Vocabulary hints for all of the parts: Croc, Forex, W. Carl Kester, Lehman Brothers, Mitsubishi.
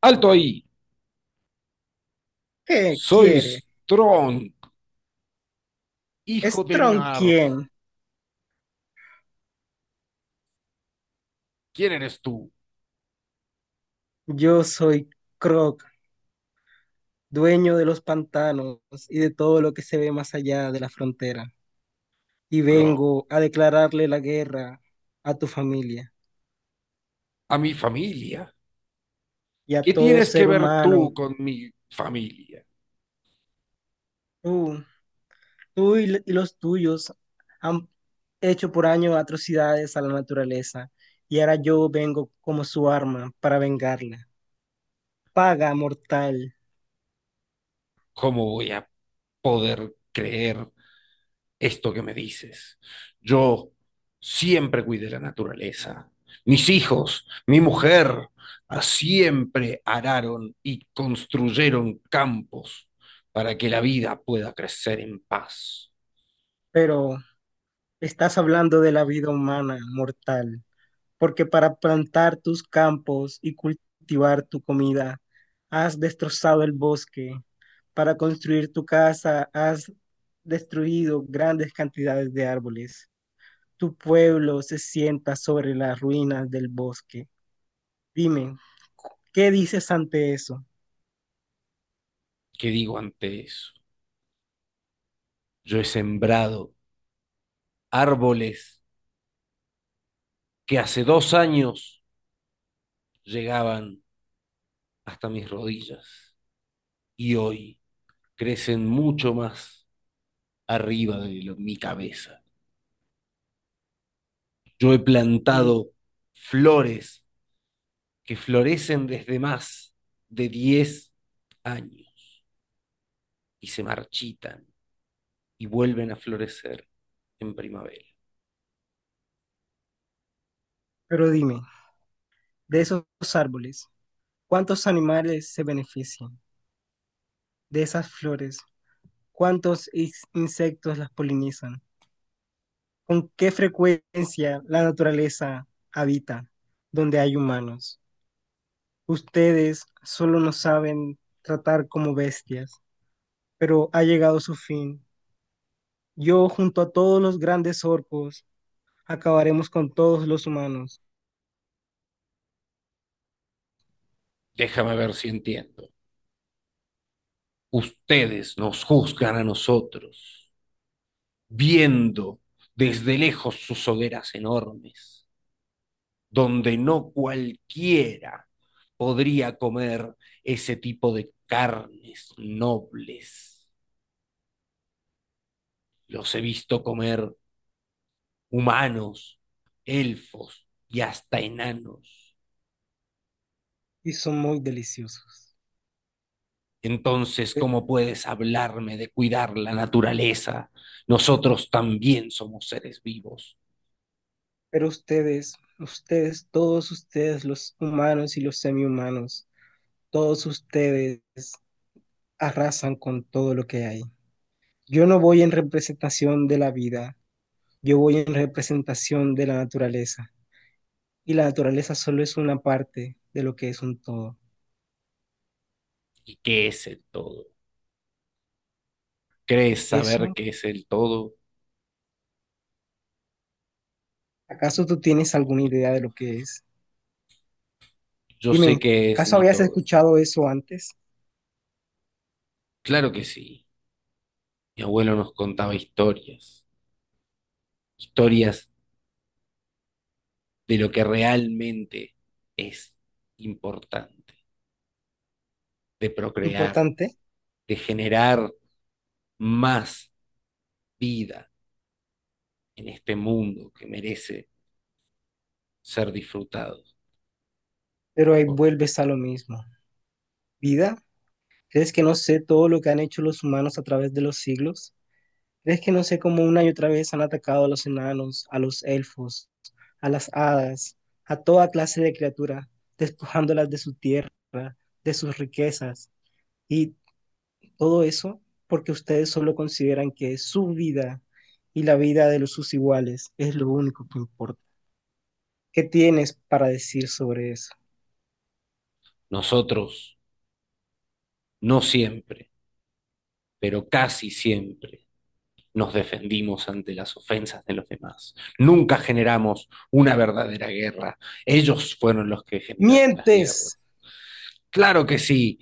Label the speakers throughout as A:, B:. A: Alto ahí.
B: ¿Qué
A: Soy
B: quiere?
A: Strong, hijo de
B: ¿Strong
A: Narf.
B: quién?
A: ¿Quién eres tú?
B: Yo soy Croc, dueño de los pantanos y de todo lo que se ve más allá de la frontera. Y
A: Croc.
B: vengo a declararle la guerra a tu familia
A: A mi familia.
B: y a
A: ¿Qué
B: todo
A: tienes que
B: ser
A: ver tú
B: humano.
A: con mi familia?
B: Tú, tú y los tuyos han hecho por años atrocidades a la naturaleza y ahora yo vengo como su arma para vengarla. Paga, mortal,
A: ¿Cómo voy a poder creer esto que me dices? Yo siempre cuidé la naturaleza. Mis hijos, mi mujer, siempre araron y construyeron campos para que la vida pueda crecer en paz.
B: pero estás hablando de la vida humana, mortal. Porque para plantar tus campos y cultivar tu comida, has destrozado el bosque, para construir tu casa, has destruido grandes cantidades de árboles. Tu pueblo se sienta sobre las ruinas del bosque. Dime, ¿qué dices ante eso?
A: ¿Qué digo ante eso? Yo he sembrado árboles que hace 2 años llegaban hasta mis rodillas y hoy crecen mucho más arriba de mi cabeza. Yo he
B: Y- di-
A: plantado flores que florecen desde más de 10 años y se marchitan y vuelven a florecer en primavera.
B: Pero dime, de esos árboles, ¿cuántos animales se benefician? De esas flores, ¿cuántos insectos las polinizan? ¿Con qué frecuencia la naturaleza habita donde hay humanos? Ustedes solo nos saben tratar como bestias, pero ha llegado su fin. Yo junto a todos los grandes orcos acabaremos con todos los humanos
A: Déjame ver si entiendo. Ustedes nos juzgan a nosotros viendo desde lejos sus hogueras enormes, donde no cualquiera podría comer ese tipo de carnes nobles. Los he visto comer humanos, elfos y hasta enanos.
B: y son muy deliciosos.
A: Entonces,
B: Pe-
A: ¿cómo puedes hablarme de cuidar la naturaleza? Nosotros también somos seres vivos.
B: Pero ustedes, todos ustedes, los humanos y los semihumanos, todos ustedes arrasan con todo lo que hay. Yo no voy en representación de la vida, yo voy en representación de la naturaleza y la naturaleza solo es una parte de lo que es un todo.
A: ¿Y qué es el todo? ¿Crees saber
B: ¿Eso?
A: qué es el todo?
B: ¿Acaso tú tienes alguna idea de lo que es?
A: Yo sé
B: Dime,
A: que es
B: ¿acaso
A: mi
B: habías
A: todo.
B: escuchado eso antes?
A: Claro que sí. Mi abuelo nos contaba historias, historias de lo que realmente es importante, de procrear,
B: Importante,
A: de generar más vida en este mundo que merece ser disfrutado
B: pero ahí
A: por
B: vuelves a lo mismo. ¿Vida? ¿Crees que no sé todo lo que han hecho los humanos a través de los siglos? ¿Crees que no sé cómo una y otra vez han atacado a los enanos, a los elfos, a las hadas, a toda clase de criatura, despojándolas de su tierra, de sus riquezas? Y todo eso porque ustedes solo consideran que su vida y la vida de los sus iguales es lo único que importa. ¿Qué tienes para decir sobre eso?
A: nosotros, no siempre, pero casi siempre. Nos defendimos ante las ofensas de los demás. Nunca generamos una verdadera guerra. Ellos fueron los que generaron las
B: ¡Mientes!
A: guerras. Claro que sí,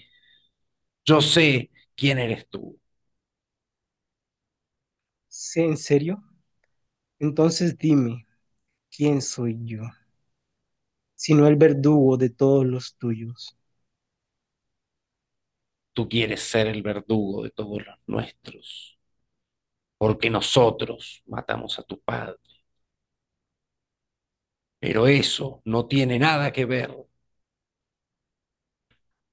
A: yo sé quién eres tú.
B: ¿Sí? ¿En serio? Entonces dime, ¿quién soy yo? Sino el verdugo de todos los tuyos.
A: Tú quieres ser el verdugo de todos los nuestros, porque nosotros matamos a tu padre. Pero eso no tiene nada que ver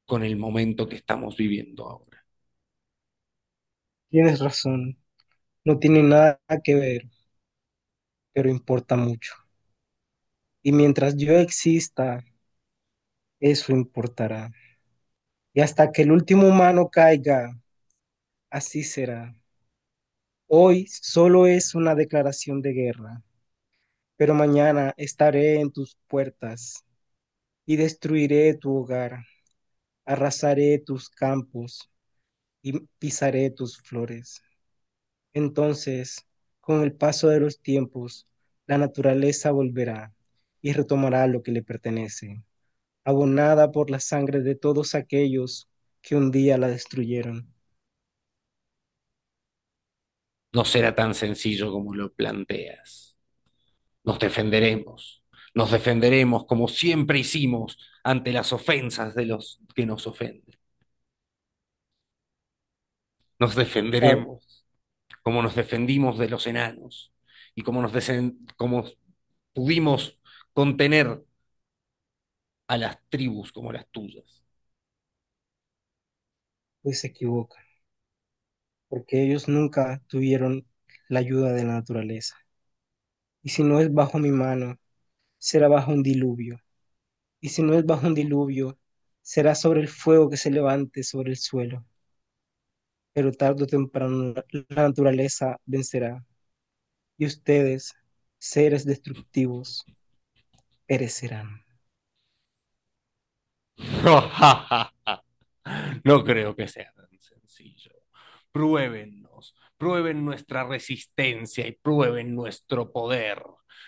A: con el momento que estamos viviendo ahora.
B: Tienes razón, no tiene nada que ver, pero importa mucho. Y mientras yo exista, eso importará. Y hasta que el último humano caiga, así será. Hoy solo es una declaración de guerra, pero mañana estaré en tus puertas y destruiré tu hogar, arrasaré tus campos y pisaré tus flores. Entonces, con el paso de los tiempos, la naturaleza volverá y retomará lo que le pertenece, abonada por la sangre de todos aquellos que un día la destruyeron.
A: No será tan sencillo como lo planteas. Nos defenderemos. Nos defenderemos como siempre hicimos ante las ofensas de los que nos ofenden. Nos
B: ¿Sabe?
A: defenderemos. Cómo nos defendimos de los enanos y cómo pudimos contener a las tribus como las tuyas.
B: Pues se equivoca, porque ellos nunca tuvieron la ayuda de la naturaleza. Y si no es bajo mi mano, será bajo un diluvio, y si no es bajo un diluvio, será sobre el fuego que se levante sobre el suelo, pero tarde o temprano la naturaleza vencerá, y ustedes, seres destructivos, perecerán.
A: No creo que sea tan sencillo. Pruébennos, prueben nuestra resistencia y prueben nuestro poder.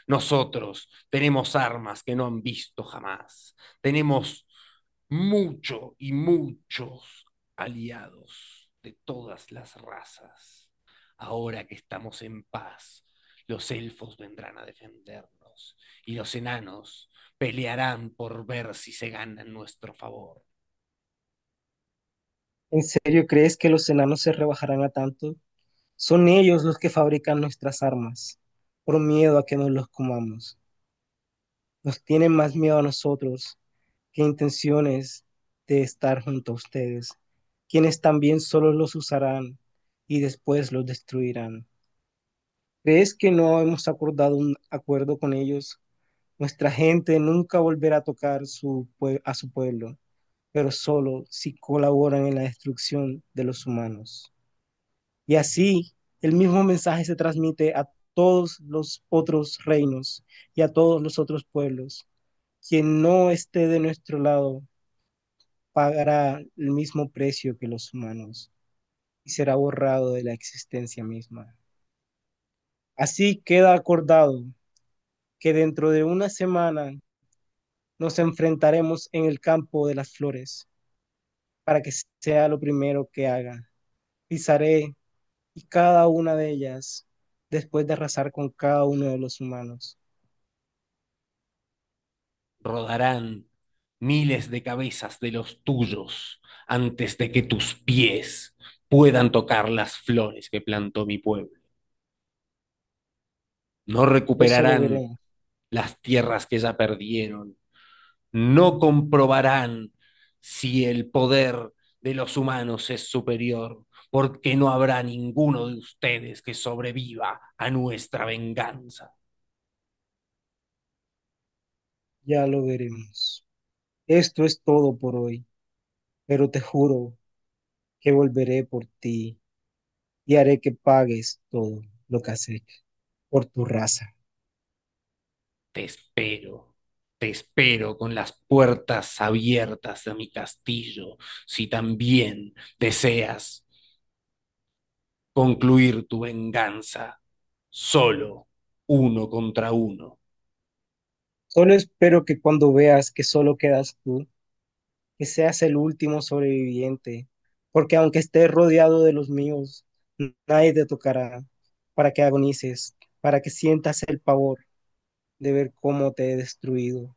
A: Nosotros tenemos armas que no han visto jamás. Tenemos mucho y muchos aliados de todas las razas. Ahora que estamos en paz, los elfos vendrán a defendernos y los enanos pelearán por ver si se ganan nuestro favor.
B: ¿En serio crees que los enanos se rebajarán a tanto? Son ellos los que fabrican nuestras armas, por miedo a que nos los comamos. Nos tienen más miedo a nosotros qué intenciones de estar junto a ustedes, quienes también solo los usarán y después los destruirán. ¿Crees que no hemos acordado un acuerdo con ellos? Nuestra gente nunca volverá a tocar su a su pueblo, pero solo si colaboran en la destrucción de los humanos. Y así el mismo mensaje se transmite a todos los otros reinos y a todos los otros pueblos. Quien no esté de nuestro lado pagará el mismo precio que los humanos y será borrado de la existencia misma. Así queda acordado que dentro de una semana nos enfrentaremos en el campo de las flores para que sea lo primero que haga. Pisaré y cada una de ellas después de arrasar con cada uno de los humanos.
A: Rodarán miles de cabezas de los tuyos antes de que tus pies puedan tocar las flores que plantó mi pueblo. No
B: Eso lo
A: recuperarán
B: veremos,
A: las tierras que ya perdieron, no comprobarán si el poder de los humanos es superior, porque no habrá ninguno de ustedes que sobreviva a nuestra venganza.
B: ya lo veremos. Esto es todo por hoy, pero te juro que volveré por ti. Y haré que pagues todo lo que has hecho por tu raza.
A: Te espero, te espero con las puertas abiertas de mi castillo, si también deseas concluir tu venganza, solo uno contra uno.
B: Solo espero que cuando veas que solo quedas tú, que seas el último sobreviviente, porque aunque estés rodeado de los míos, nadie te tocará para que agonices, para que sientas el pavor de ver cómo te he destruido.